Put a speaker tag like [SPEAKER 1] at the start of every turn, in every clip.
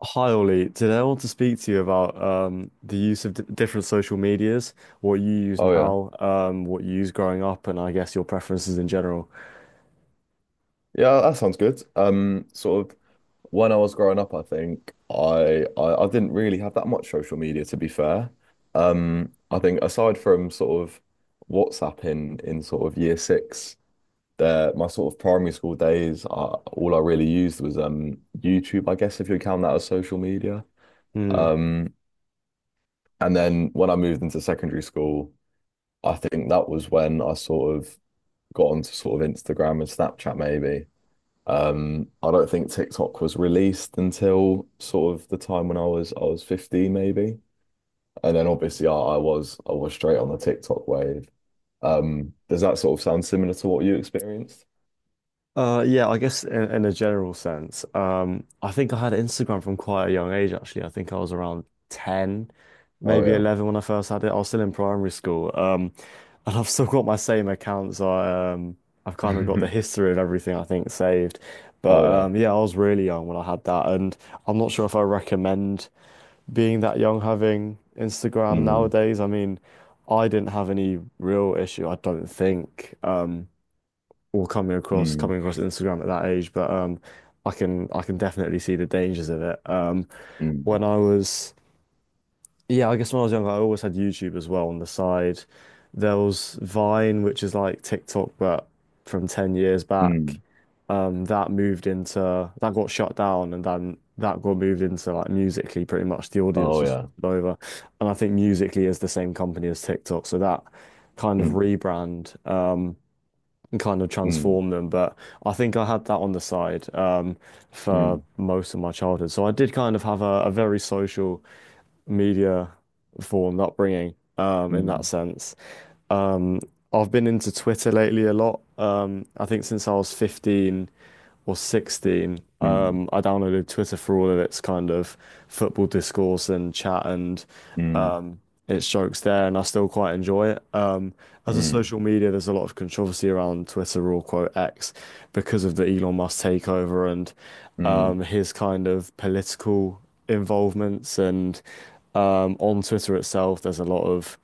[SPEAKER 1] Hi Ollie, today I want to speak to you about the use of d different social medias, what you use
[SPEAKER 2] Oh yeah.
[SPEAKER 1] now, what you use growing up, and I guess your preferences in general.
[SPEAKER 2] Yeah, that sounds good. Sort of when I was growing up, I think I didn't really have that much social media to be fair. I think aside from sort of WhatsApp in sort of year 6, there my sort of primary school days, all I really used was YouTube, I guess if you count that as social media.
[SPEAKER 1] Hmm.
[SPEAKER 2] Um, and then when I moved into secondary school, I think that was when I sort of got onto sort of Instagram and Snapchat maybe. I don't think TikTok was released until sort of the time when I was 15 maybe. And then obviously I was straight on the TikTok wave. Does that sort of sound similar to what you experienced?
[SPEAKER 1] Yeah, I guess in a general sense. I think I had Instagram from quite a young age, actually. I think I was around 10,
[SPEAKER 2] Oh
[SPEAKER 1] maybe
[SPEAKER 2] yeah.
[SPEAKER 1] 11 when I first had it. I was still in primary school. And I've still got my same accounts. I've kind of got the history of everything, I think, saved. But
[SPEAKER 2] Oh yeah.
[SPEAKER 1] yeah, I was really young when I had that. And I'm not sure if I recommend being that young having Instagram
[SPEAKER 2] Mm,
[SPEAKER 1] nowadays. I mean, I didn't have any real issue, I don't think. Or coming across
[SPEAKER 2] mm,
[SPEAKER 1] coming across Instagram at that age, but I can definitely see the dangers of it.
[SPEAKER 2] mm,
[SPEAKER 1] When I was Yeah, I guess when I was younger, I always had YouTube as well on the side. There was Vine, which is like TikTok, but from 10 years back.
[SPEAKER 2] mm.
[SPEAKER 1] That moved into That got shut down, and then that got moved into like Musically. Pretty much the audience
[SPEAKER 2] Oh
[SPEAKER 1] just
[SPEAKER 2] yeah.
[SPEAKER 1] took over, and I think Musically is the same company as TikTok, so that kind of
[SPEAKER 2] Mm,
[SPEAKER 1] rebrand. And kind of
[SPEAKER 2] mm,
[SPEAKER 1] transform them. But I think I had that on the side for
[SPEAKER 2] mm,
[SPEAKER 1] most of my childhood. So I did kind of have a very social media formed upbringing in that
[SPEAKER 2] mm,
[SPEAKER 1] sense. Um, I've been into Twitter lately a lot. I think since I was 15 or 16,
[SPEAKER 2] mm,
[SPEAKER 1] I downloaded Twitter for all of its kind of football discourse and chat and
[SPEAKER 2] mm,
[SPEAKER 1] um, its jokes there, and I still quite enjoy it.
[SPEAKER 2] mm,
[SPEAKER 1] As a
[SPEAKER 2] mm,
[SPEAKER 1] social media, there's a lot of controversy around Twitter, or quote X, because of the Elon Musk takeover and
[SPEAKER 2] mm.
[SPEAKER 1] his kind of political involvements. And on Twitter itself, there's a lot of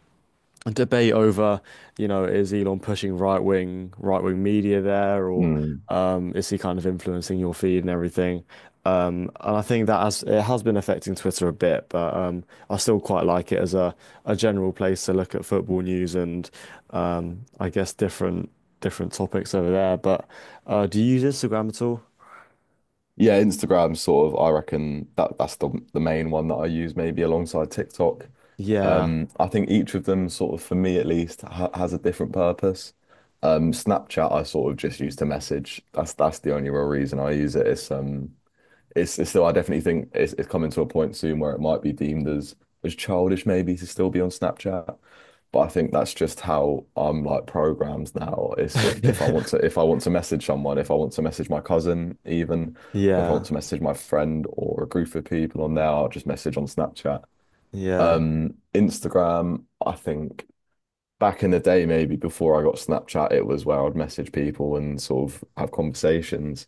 [SPEAKER 1] a debate over, you know, is Elon pushing right wing media there, or
[SPEAKER 2] Mm.
[SPEAKER 1] is he kind of influencing your feed and everything? And I think that has it has been affecting Twitter a bit, but I still quite like it as a general place to look at football news and I guess different topics over there. But do you use Instagram at all?
[SPEAKER 2] Yeah, Instagram sort of, I reckon that's the main one that I use maybe alongside TikTok.
[SPEAKER 1] Yeah,
[SPEAKER 2] I think each of them sort of for me at least ha has a different purpose. Snapchat I sort of just use to message. That's the only real reason I use it. It's still, I definitely think it's coming to a point soon where it might be deemed as childish maybe to still be on Snapchat. But I think that's just how I'm like programmed now. It's if I want to message someone, if I want to message my cousin even, or if I want
[SPEAKER 1] yeah,
[SPEAKER 2] to message my friend or a group of people on there, I'll just message on Snapchat.
[SPEAKER 1] yeah.
[SPEAKER 2] Instagram, I think back in the day, maybe before I got Snapchat, it was where I'd message people and sort of have conversations.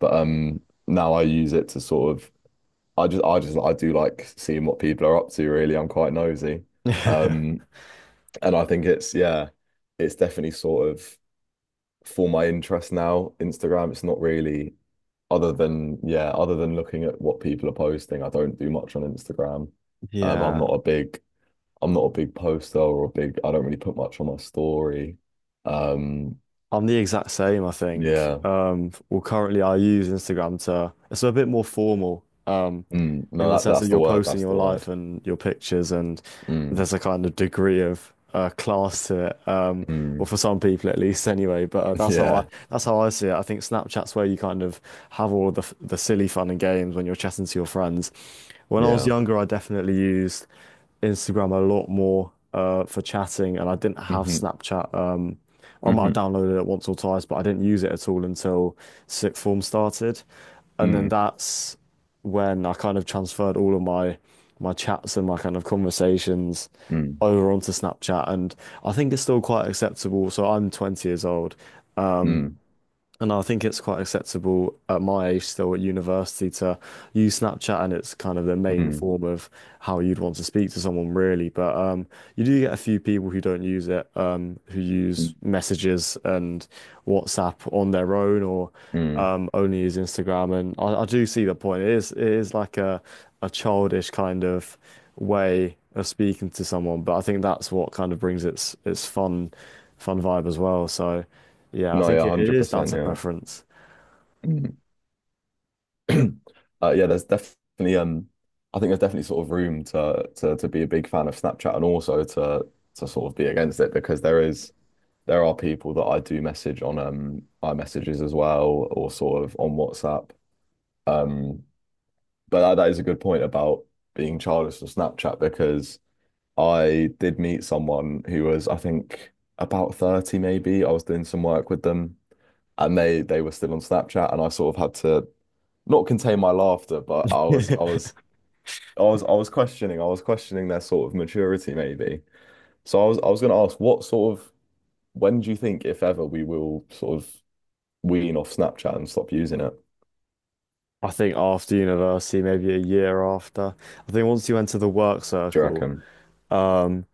[SPEAKER 2] But now I use it to sort of I just I just I do like seeing what people are up to really. I'm quite nosy. Um and I think it's, yeah, it's definitely sort of for my interest now. Instagram, it's not really other than, yeah, other than looking at what people are posting, I don't do much on Instagram. Um I'm
[SPEAKER 1] Yeah.
[SPEAKER 2] not a big I'm not a big poster or a big I don't really put much on my story. Um
[SPEAKER 1] I'm the exact same, I think.
[SPEAKER 2] yeah.
[SPEAKER 1] Well, currently I use Instagram to, it's a bit more formal,
[SPEAKER 2] Mm, no,
[SPEAKER 1] in the
[SPEAKER 2] that
[SPEAKER 1] sense that
[SPEAKER 2] that's the
[SPEAKER 1] you're
[SPEAKER 2] word,
[SPEAKER 1] posting
[SPEAKER 2] that's
[SPEAKER 1] your
[SPEAKER 2] the
[SPEAKER 1] life
[SPEAKER 2] word.
[SPEAKER 1] and your pictures, and
[SPEAKER 2] Mm,
[SPEAKER 1] there's a kind of degree of class to it. Well,
[SPEAKER 2] mm,
[SPEAKER 1] for some people at least, anyway. But
[SPEAKER 2] yeah.
[SPEAKER 1] that's how I see it. I think Snapchat's where you kind of have all of the silly fun and games when you're chatting to your friends. When I was
[SPEAKER 2] Yeah.
[SPEAKER 1] younger, I definitely used Instagram a lot more for chatting, and I didn't have
[SPEAKER 2] Hmm,
[SPEAKER 1] Snapchat. I might have
[SPEAKER 2] hmm,
[SPEAKER 1] downloaded it once or twice, but I didn't use it at all until sixth form started, and then
[SPEAKER 2] mm,
[SPEAKER 1] that's when I kind of transferred all of my chats and my kind of conversations
[SPEAKER 2] mm.
[SPEAKER 1] over onto Snapchat, and I think it's still quite acceptable. So I'm 20 years old,
[SPEAKER 2] Mm,
[SPEAKER 1] and I think it's quite acceptable at my age, still at university, to use Snapchat, and it's kind of the main
[SPEAKER 2] mm,
[SPEAKER 1] form of how you'd want to speak to someone, really. But you do get a few people who don't use it, who use
[SPEAKER 2] mm,
[SPEAKER 1] messages and WhatsApp on their own, or
[SPEAKER 2] mm.
[SPEAKER 1] only use Instagram. And I do see the point. It is like a childish kind of way of speaking to someone, but I think that's what kind of brings its fun vibe as well. So. Yeah, I
[SPEAKER 2] No, yeah,
[SPEAKER 1] think it is down
[SPEAKER 2] 100%,
[SPEAKER 1] to
[SPEAKER 2] yeah.
[SPEAKER 1] preference.
[SPEAKER 2] Mm. Yeah, there's definitely I think there's definitely sort of room to be a big fan of Snapchat and also to sort of be against it because there are people that I do message on iMessages as well or sort of on WhatsApp. Um but that is a good point about being childish on Snapchat because I did meet someone who was I think about 30 maybe. I was doing some work with them and they were still on Snapchat, and I sort of had to not contain my laughter, but I was I was I was I was questioning their sort of maturity maybe. So I was going to ask what sort of when do you think if ever we will sort of wean off Snapchat and stop using it?
[SPEAKER 1] I think after university, maybe a year after, I think once you enter the work
[SPEAKER 2] Do you
[SPEAKER 1] circle,
[SPEAKER 2] reckon?
[SPEAKER 1] um,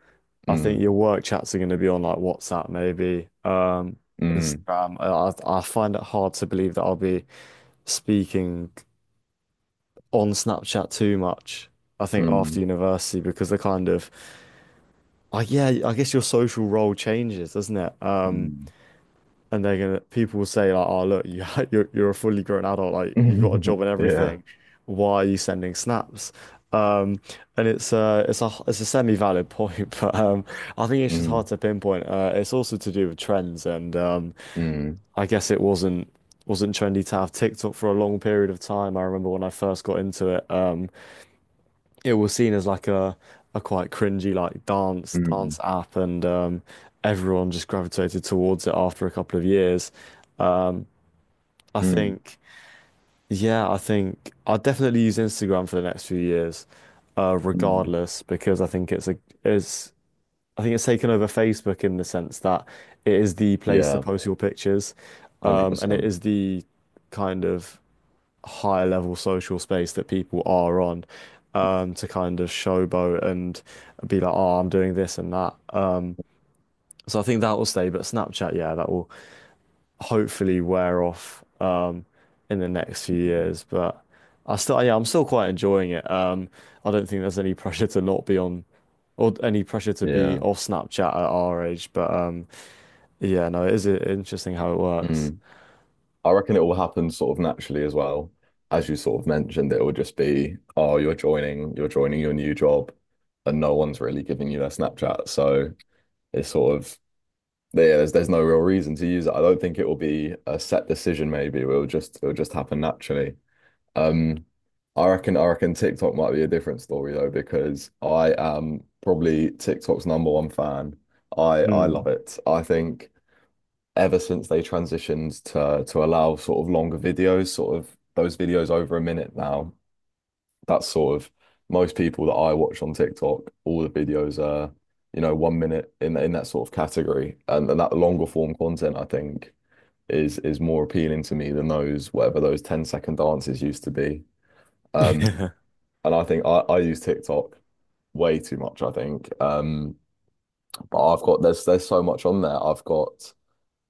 [SPEAKER 1] I think
[SPEAKER 2] Mm,
[SPEAKER 1] your work chats are going to be on like WhatsApp, maybe,
[SPEAKER 2] mm,
[SPEAKER 1] Instagram. I find it hard to believe that I'll be speaking on Snapchat too much. I think after
[SPEAKER 2] mm,
[SPEAKER 1] university because the kind of, oh yeah, I guess your social role changes, doesn't it?
[SPEAKER 2] mm.
[SPEAKER 1] And they're gonna People will say like, "Oh, look, you you're a fully grown adult, like you've got a job and
[SPEAKER 2] Yeah.
[SPEAKER 1] everything. Why are you sending snaps?" Um, and it's It's a semi-valid point, but I think it's just hard
[SPEAKER 2] Mm,
[SPEAKER 1] to pinpoint. It's also to do with trends, and
[SPEAKER 2] mm,
[SPEAKER 1] I guess it wasn't trendy to have TikTok for a long period of time. I remember when I first got into it, it was seen as like a quite cringy like dance
[SPEAKER 2] mm,
[SPEAKER 1] dance app, and everyone just gravitated towards it after a couple of years. I
[SPEAKER 2] mm,
[SPEAKER 1] think, yeah, I think I'll definitely use Instagram for the next few years,
[SPEAKER 2] mm.
[SPEAKER 1] regardless, because it's I think it's taken over Facebook in the sense that it is the place to
[SPEAKER 2] Yeah,
[SPEAKER 1] post your pictures, and it
[SPEAKER 2] 100%.
[SPEAKER 1] is the kind of higher level social space that people are on, to kind of showboat and be like, oh, I'm doing this and that. So I think that will stay, but Snapchat, yeah, that will hopefully wear off in the next few years. But yeah, I'm still quite enjoying it. I don't think there's any pressure to not be on or any pressure to be
[SPEAKER 2] Yeah.
[SPEAKER 1] off Snapchat at our age. But yeah, no, it is interesting how it works.
[SPEAKER 2] Mm. I reckon it will happen sort of naturally as well. As you sort of mentioned, it will just be, oh, you're joining your new job, and no one's really giving you their Snapchat. So it's sort of yeah, there's no real reason to use it. I don't think it will be a set decision, maybe. It'll just happen naturally. Um, I reckon TikTok might be a different story though, because I am probably TikTok's number one fan. I
[SPEAKER 1] Mm.
[SPEAKER 2] love it. I think ever since they transitioned to allow sort of longer videos, sort of those videos over a minute now. That's sort of most people that I watch on TikTok, all the videos are, 1 minute in that sort of category. And that longer form content, I think, is more appealing to me than those 10 second dances used to be. Um, and I think I use TikTok way too much, I think. But I've got there's so much on there. I've got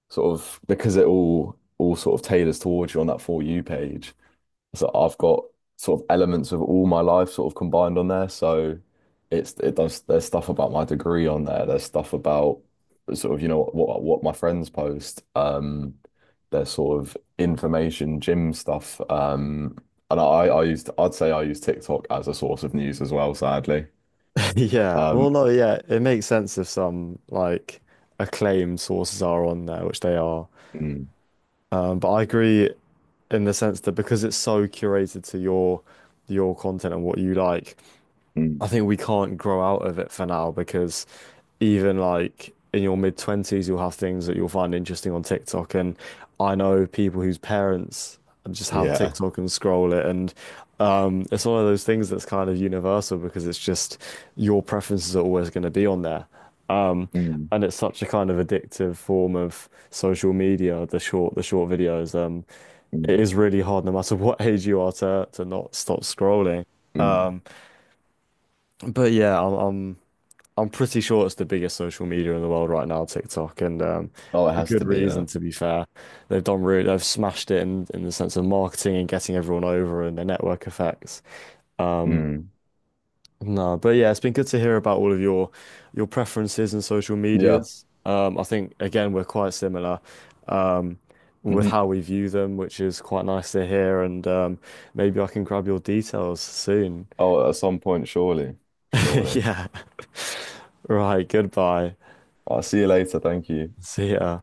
[SPEAKER 2] sort of because it all sort of tailors towards you on that For You page. So I've got sort of elements of all my life sort of combined on there. So it's it does there's stuff about my degree on there. There's stuff about sort of what my friends post. There's sort of information, gym stuff. And I'd say I use TikTok as a source of news as well, sadly.
[SPEAKER 1] Yeah. Well,
[SPEAKER 2] Um,
[SPEAKER 1] no, yeah, it makes sense if some like acclaimed sources are on there, which they are.
[SPEAKER 2] mm,
[SPEAKER 1] But I agree in the sense that because it's so curated to your content and what you like, I
[SPEAKER 2] mm,
[SPEAKER 1] think we can't grow out of it for now because even like in your mid 20s, you'll have things that you'll find interesting on TikTok. And I know people whose parents just have
[SPEAKER 2] yeah.
[SPEAKER 1] TikTok and scroll it. And it's one of those things that's kind of universal because it's just your preferences are always going to be on there. Um,
[SPEAKER 2] Mm,
[SPEAKER 1] and it's such a kind of addictive form of social media, the short videos. It
[SPEAKER 2] mm,
[SPEAKER 1] is really hard, no matter what age you are, to not stop scrolling.
[SPEAKER 2] mm.
[SPEAKER 1] Um, but yeah, I'm pretty sure it's the biggest social media in the world right now, TikTok, and
[SPEAKER 2] Oh, it
[SPEAKER 1] for
[SPEAKER 2] has
[SPEAKER 1] good
[SPEAKER 2] to be
[SPEAKER 1] reason,
[SPEAKER 2] a.
[SPEAKER 1] to be fair. They've smashed it in the sense of marketing and getting everyone over and the network effects. Um,
[SPEAKER 2] Mm.
[SPEAKER 1] no, but yeah, it's been good to hear about all of your preferences and social
[SPEAKER 2] Yeah.
[SPEAKER 1] medias. I think again we're quite similar with
[SPEAKER 2] Hmm.
[SPEAKER 1] how we view them, which is quite nice to hear. And maybe I can grab your details soon.
[SPEAKER 2] Oh, at some point, surely. Surely.
[SPEAKER 1] Yeah. Right. Goodbye.
[SPEAKER 2] I'll see you later. Thank you.
[SPEAKER 1] See ya.